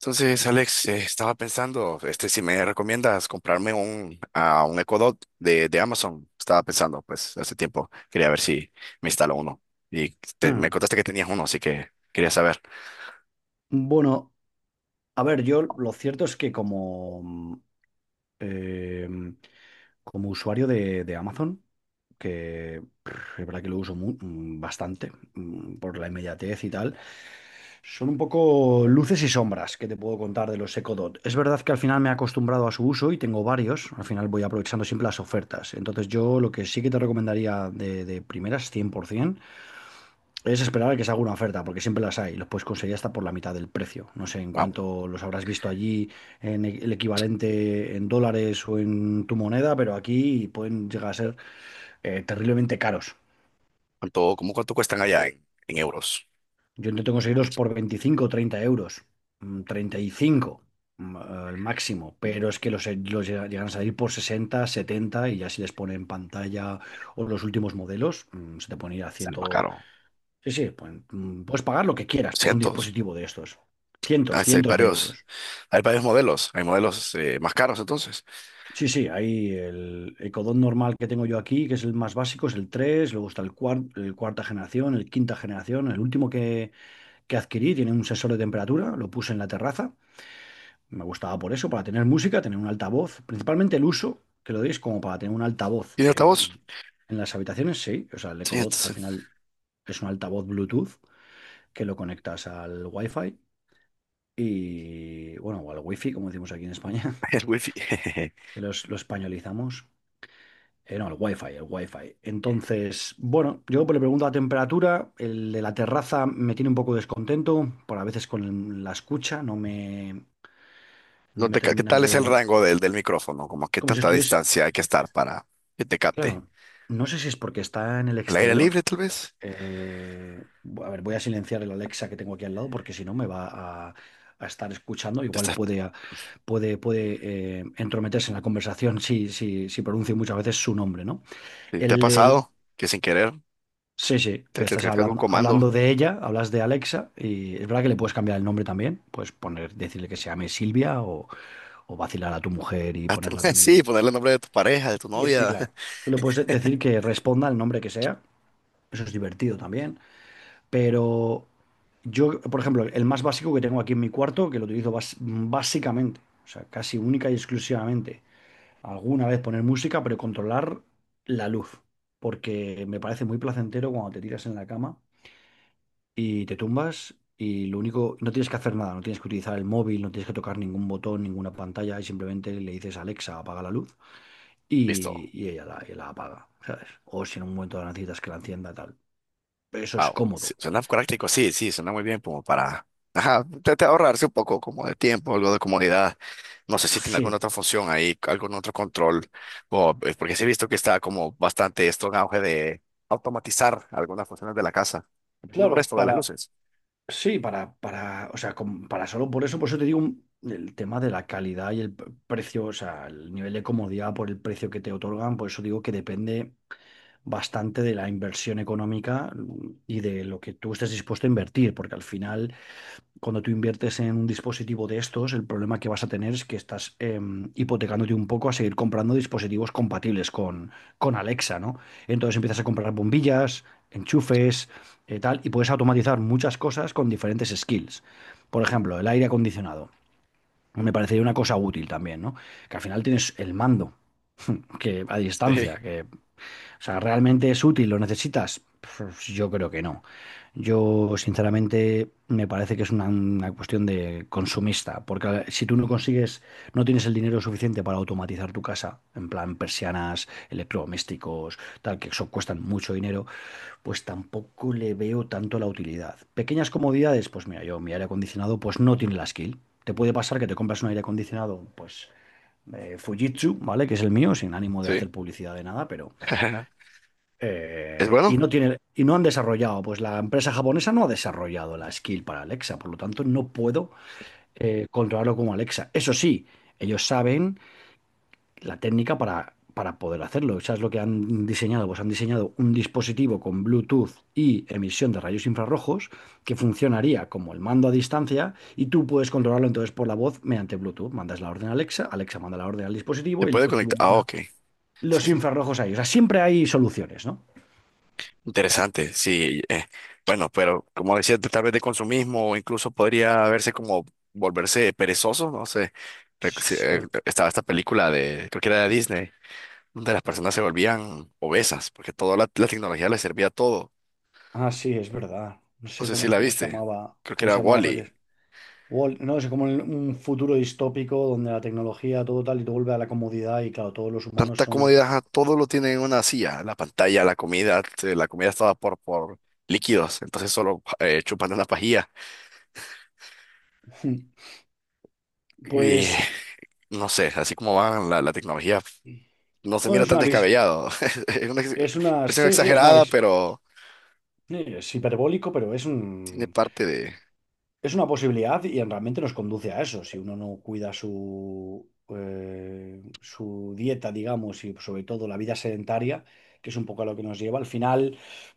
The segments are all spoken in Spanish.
Entonces, Alex, estaba pensando, si me recomiendas comprarme a un Echo Dot de Amazon, estaba pensando, pues, hace tiempo, quería ver si me instalo uno. Y me Hmm. contaste que tenías uno, así que quería saber, Bueno, a ver, yo lo cierto es que em, como usuario de Amazon, que es verdad que lo uso bastante por la inmediatez y tal, son un poco luces y sombras que te puedo contar de los EcoDot. Es verdad que al final me he acostumbrado a su uso y tengo varios, al final voy aprovechando siempre las ofertas. Entonces, yo lo que sí que te recomendaría de primeras, 100%. Es esperar a que se haga una oferta, porque siempre las hay. Los puedes conseguir hasta por la mitad del precio. No sé en ah, cuánto los habrás visto allí, el equivalente en dólares o en tu moneda, pero aquí pueden llegar a ser terriblemente caros. ¿cuánto, cómo cuánto cuestan allá en euros? Yo intento conseguirlos por 25 o 30 euros, 35 al máximo, pero es que los llegan a salir por 60, 70, y ya si les ponen pantalla o los últimos modelos, se te ponen a 100. ¿Sale más caro? Sí, sí, pues, puedes pagar lo que quieras por un ¿Cientos? dispositivo de estos. Cientos, Ah, sí, hay cientos de varios, euros. hay varios modelos, hay modelos más caros entonces. Sí, sí, ahí el Ecodot normal que tengo yo aquí, que es el más básico, es el tres. Luego está el, el cuarta generación, el quinta generación, el último que adquirí tiene un sensor de temperatura. Lo puse en la terraza, me gustaba por eso, para tener música, tener un altavoz, principalmente el uso que lo deis, como para tener un altavoz ¿Y de altavoz? En las habitaciones, sí. O sea, el Sí, Ecodot, al entonces, final, es un altavoz Bluetooth que lo conectas al Wi-Fi. Y bueno, o al wifi, como decimos aquí en España, el wifi. que lo españolizamos. No, el wifi, el wifi. Entonces, bueno, yo pues le pregunto la temperatura. El de la terraza me tiene un poco descontento, por a veces con la escucha, no me, no No me te, ca- ¿qué termina tal es el de... rango del, del micrófono? ¿Como qué Como si tanta estuviese. distancia hay que estar para que te capte? Claro, no sé si es porque está en el Al aire libre, exterior. tal vez. Eh, a ver, voy a silenciar el Alexa que tengo aquí al lado, porque si no me va a, a estar escuchando, ¿Te, igual estás- puede entrometerse en la conversación, si, si pronuncio muchas veces su nombre, ¿no? te ha El pasado que sin querer Sese, te que te estás te un hablando, comando? De ella, hablas de Alexa, y es verdad que le puedes cambiar el nombre también. Puedes poner, decirle que se llame Silvia, o vacilar a tu mujer y ponerla Hasta- Sí, también. ponerle el nombre de tu pareja, de tu Sí, sí, novia. claro. Tú le puedes decir que responda el nombre que sea, eso es divertido también. Pero yo, por ejemplo, el más básico que tengo aquí en mi cuarto, que lo utilizo básicamente, o sea, casi única y exclusivamente, alguna vez poner música, pero controlar la luz, porque me parece muy placentero cuando te tiras en la cama y te tumbas, y lo único, no tienes que hacer nada, no tienes que utilizar el móvil, no tienes que tocar ningún botón, ninguna pantalla, y simplemente le dices a Alexa: apaga la luz. y, Listo. y ella la, y la apaga, ¿sabes? O si en un momento la necesitas, que la encienda, tal. Eso es Wow. Sí, cómodo. suena práctico, sí, sí, suena muy bien como para ajá, te ahorrarse un poco como de tiempo, algo de comodidad. No sé si tiene Sí, alguna otra función ahí, algún otro control. O, porque sí he visto que está como bastante esto en auge de automatizar algunas funciones de la casa. Empezando por claro, esto de las para... luces. Sí, para, o sea, para solo por eso te digo, el tema de la calidad y el precio. O sea, el nivel de comodidad por el precio que te otorgan. Por eso digo que depende bastante de la inversión económica y de lo que tú estés dispuesto a invertir, porque al final, cuando tú inviertes en un dispositivo de estos, el problema que vas a tener es que estás hipotecándote un poco a seguir comprando dispositivos compatibles con Alexa, ¿no? Entonces empiezas a comprar bombillas, enchufes, tal, y puedes automatizar muchas cosas con diferentes skills. Por ejemplo, el aire acondicionado. Me parecería una cosa útil también, ¿no? Que al final tienes el mando que, a Sí, distancia, que, o sea, ¿realmente es útil? ¿Lo necesitas? Pues yo creo que no. Yo, sinceramente, me parece que es una cuestión de consumista, porque si tú no consigues, no tienes el dinero suficiente para automatizar tu casa, en plan persianas, electrodomésticos, tal, que eso cuestan mucho dinero, pues tampoco le veo tanto la utilidad. Pequeñas comodidades, pues mira, yo, mi aire acondicionado, pues no tiene la skill. Te puede pasar que te compras un aire acondicionado, pues Fujitsu, ¿vale? Que es el mío, sin ánimo de sí. hacer publicidad de nada. Pero Es y bueno. no tiene, y no han desarrollado, pues la empresa japonesa no ha desarrollado la skill para Alexa, por lo tanto no puedo controlarlo como Alexa. Eso sí, ellos saben la técnica para poder hacerlo. ¿Sabes lo que han diseñado? Pues han diseñado un dispositivo con Bluetooth y emisión de rayos infrarrojos que funcionaría como el mando a distancia, y tú puedes controlarlo entonces por la voz mediante Bluetooth. Mandas la orden a Alexa, Alexa manda la orden al Se dispositivo, y el puede dispositivo conectar. Ah, manda ok. Sí, los sí, infrarrojos a ellos. O sea, siempre hay soluciones, ¿no? interesante, sí. Bueno, pero como decía, tal vez de consumismo o incluso podría verse como volverse perezoso, no sé. Rec- si- estaba esta película de, creo que era de Disney, donde las personas se volvían obesas, porque toda la tecnología les servía todo. Ah, sí, es verdad. No No sé sé si la viste, creo que cómo se era llamaba, pero que Wally. es- No, es como un futuro distópico donde la tecnología, todo tal, y todo vuelve a la comodidad y, claro, todos los humanos Tanta son. comodidad, ajá, todo lo tiene en una silla, la pantalla, la comida estaba por líquidos, entonces solo chupan de una pajilla. Y Pues. no sé, así como van la tecnología. No se Bueno, mira es tan una vis. descabellado. Es una Es una. expresión Sí, sí, es una exagerada, vis. pero Sí, es hiperbólico, pero es tiene un. parte de... Es una posibilidad, y realmente nos conduce a eso. Si uno no cuida su dieta, digamos, y sobre todo la vida sedentaria, que es un poco a lo que nos lleva, al final,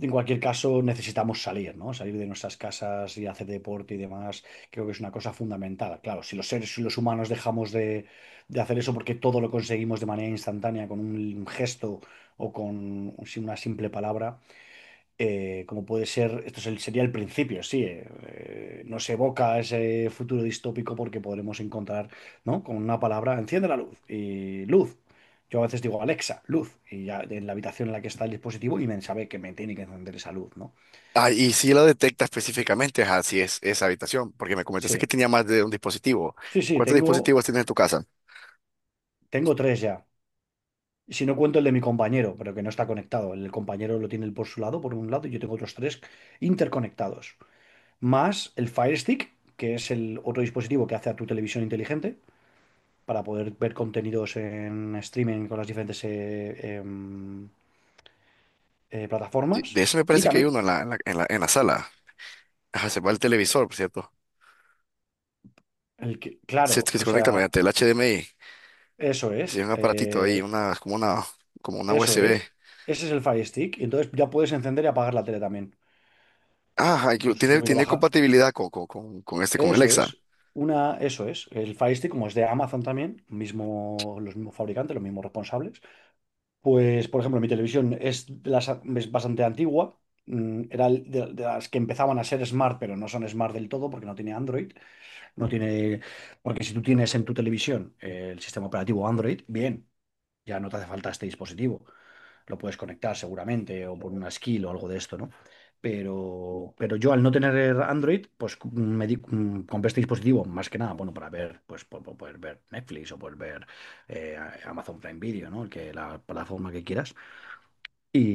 en cualquier caso, necesitamos salir, ¿no? Salir de nuestras casas y hacer deporte y demás. Creo que es una cosa fundamental. Claro, si los seres, si los humanos dejamos de hacer eso porque todo lo conseguimos de manera instantánea, con un gesto o con sin una simple palabra, como puede ser, sería el principio, sí, nos evoca ese futuro distópico, porque podremos encontrar, ¿no? Con una palabra, enciende la luz, y luz. Yo a veces digo: Alexa, luz. Y ya, en la habitación en la que está el dispositivo, y me sabe que me tiene que encender esa luz, ¿no? Ah, y si lo detecta específicamente, ajá, si es esa habitación, porque me comentaste que Sí, tenía más de un dispositivo. sí, sí, ¿Cuántos tengo, dispositivos tienes en tu casa? tengo tres ya. Y si no cuento el de mi compañero, pero que no está conectado, el compañero lo tiene él por su lado, por un lado, y yo tengo otros tres interconectados. Más el Fire Stick, que es el otro dispositivo que hace a tu televisión inteligente, para poder ver contenidos en streaming con las diferentes Sí, de plataformas. eso me Y parece que hay también, uno en en la sala. Ajá, se va el televisor, por cierto. el que, Se, claro, que se o conecta sea, mediante el HDMI. eso Sí, es, un aparatito ahí, eh, como una eso USB. es, ese es el Fire Stick, y entonces ya puedes encender y apagar la tele también. Ah, hay que- tiene, Subir y tiene bajar. compatibilidad con, este, con Eso Alexa. es. Una, eso es. El Fire Stick, como es de Amazon también, mismo, los mismos fabricantes, los mismos responsables. Pues, por ejemplo, mi televisión es bastante antigua. Era de las que empezaban a ser smart, pero no son smart del todo porque no tiene Android. No tiene, porque si tú tienes en tu televisión el sistema operativo Android, bien, ya no te hace falta este dispositivo, lo puedes conectar seguramente o por una skill o algo de esto, ¿no? Pero yo, al no tener Android, pues compré este dispositivo más que nada, bueno, para ver, pues poder ver Netflix o poder ver eh, Amazon Prime Video, ¿no? El Que, la plataforma que quieras.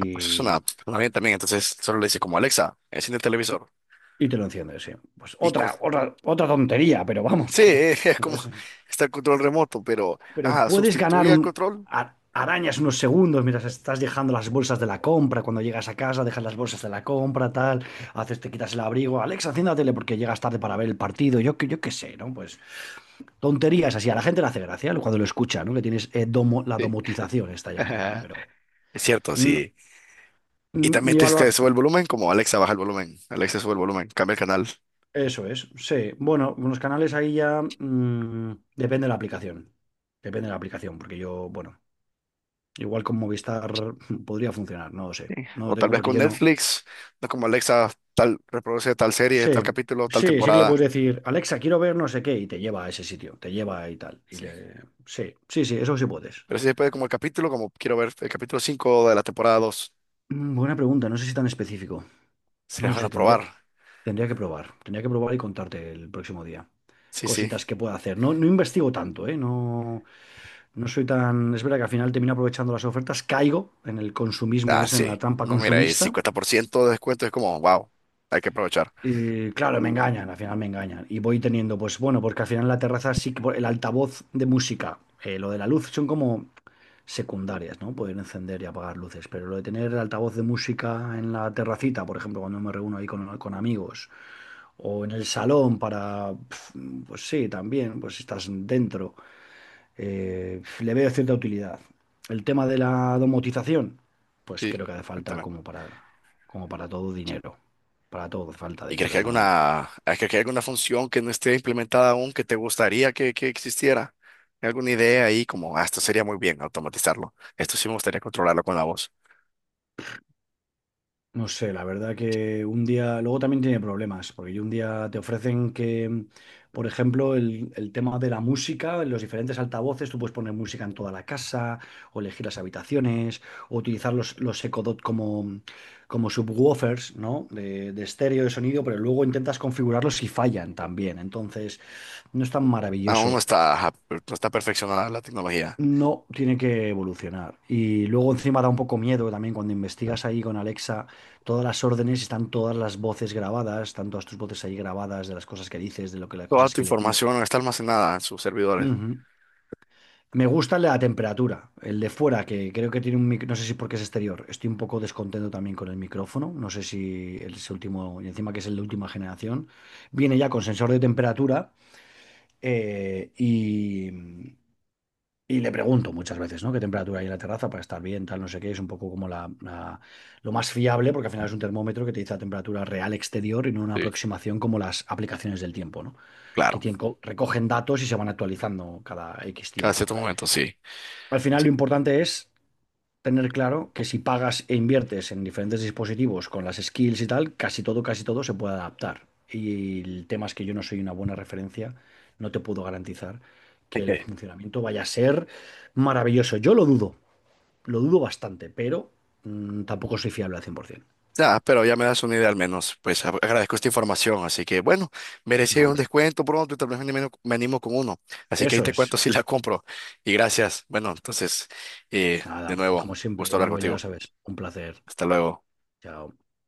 Ah, pues es una bien también, entonces solo le dice como Alexa, enciende el televisor. y te lo enciendes, sí. Pues Y con, otra, otra tontería, pero vamos, sí, que, es que como, pues está el control remoto, pero, pero ah, puedes ganar sustituye al un control. a- arañas unos segundos mientras estás dejando las bolsas de la compra. Cuando llegas a casa, dejas las bolsas de la compra, tal, haces, te quitas el abrigo. Alexa, enciende la tele porque llegas tarde para ver el partido. Yo, yo qué sé, ¿no? Pues tonterías así. A la gente le hace gracia cuando lo escucha, ¿no? Que tienes, la Sí. domotización, esta llamada, ¿no? Pero Es cierto, mm, sí. Y también mi te que sube valoración. el volumen, como Alexa baja el volumen, Alexa sube el volumen, cambia el canal. Sí. Eso es, sí. Bueno, unos canales ahí ya, depende de la aplicación. Depende de la aplicación, porque yo, bueno, igual con Movistar podría funcionar, no lo sé. No lo O tal tengo, vez porque con yo no. Netflix, no como Alexa, tal, reproduce tal serie, Sí, tal capítulo, tal sí, sí que le temporada. puedes decir: Alexa, quiero ver no sé qué, y te lleva a ese sitio, te lleva y tal. Y Sí, le... Sí, sí, sí, eso sí puedes. pero sí se puede como el capítulo, como quiero ver el capítulo 5 de la temporada 2. Buena pregunta, no sé si tan específico. Se No lo van sé, a tendría, probar. tendría que probar. Tendría que probar y contarte el próximo día. Sí, sí. Cositas que pueda hacer. No, no investigo tanto, ¿eh? No, no soy tan. Es verdad que al final termino aprovechando las ofertas, caigo en el consumismo, Ah, es en la sí. trampa No, mira, y consumista. 50% de descuento es como, wow, hay que aprovechar. Y claro, me engañan, al final me engañan. Y voy teniendo, pues bueno, porque al final la terraza, sí que el altavoz de música, lo de la luz, son como secundarias, ¿no? Poder encender y apagar luces, pero lo de tener el altavoz de música en la terracita, por ejemplo, cuando me reúno ahí con amigos, o en el salón para, pues sí, también, pues estás dentro, le veo cierta utilidad. El tema de la domotización, pues Sí, creo que hace falta, cuéntame. como para, como para todo, dinero. Para todo hace falta ¿Y crees que hay dinero, Manuel. alguna, ah, crees que hay alguna función que no esté implementada aún que te gustaría que existiera? ¿Hay alguna idea ahí como, ah, esto sería muy bien automatizarlo? Esto sí me gustaría controlarlo con la voz. No sé, la verdad, que un día, luego también tiene problemas, porque un día te ofrecen que, por ejemplo, el tema de la música, en los diferentes altavoces, tú puedes poner música en toda la casa, o elegir las habitaciones, o utilizar los Echo Dot como, como subwoofers, ¿no? De estéreo, de sonido, pero luego intentas configurarlos y fallan también, entonces no es tan Aún no maravilloso. está, ajá, per- no está perfeccionada la tecnología. No, tiene que evolucionar. Y luego, encima, da un poco miedo también, cuando investigas ahí con Alexa todas las órdenes, están todas las voces grabadas, están todas tus voces ahí grabadas de las cosas que dices, de lo que, las Toda cosas tu que le pides. información está almacenada en sus servidores. Ujú. Me gusta el de la temperatura, el de fuera, que creo que tiene un no sé si porque es exterior. Estoy un poco descontento también con el micrófono, no sé si el es último, y encima que es el de última generación. Viene ya con sensor de temperatura. Eh, y, Y le pregunto muchas veces, ¿no? ¿Qué temperatura hay en la terraza para estar bien, tal, no sé qué? Es un poco como, la, lo más fiable, porque al final es un termómetro que te dice la temperatura real exterior y no una Sí, aproximación como las aplicaciones del tiempo, ¿no? Que claro. tienen, recogen datos y se van actualizando cada X Cada tiempo. cierto momento, sí. Al final, Sí. lo importante es tener claro que si pagas e inviertes en diferentes dispositivos con las skills y tal, casi todo se puede adaptar. Y el tema es que yo no soy una buena referencia, no te puedo garantizar que el Ok. funcionamiento vaya a ser maravilloso. Yo lo dudo bastante, pero tampoco soy fiable al 100%. Ya, pero ya me das una idea al menos. Pues a- agradezco esta información. Así que bueno, No, merecía un hombre, descuento pronto y tal vez me animo con uno. Así que ahí eso te cuento es. si la compro. Y gracias. Bueno, entonces, de Nada, nuevo, como siempre, gusto hablar Manuel, ya lo contigo. sabes, un placer. Hasta luego. Chao.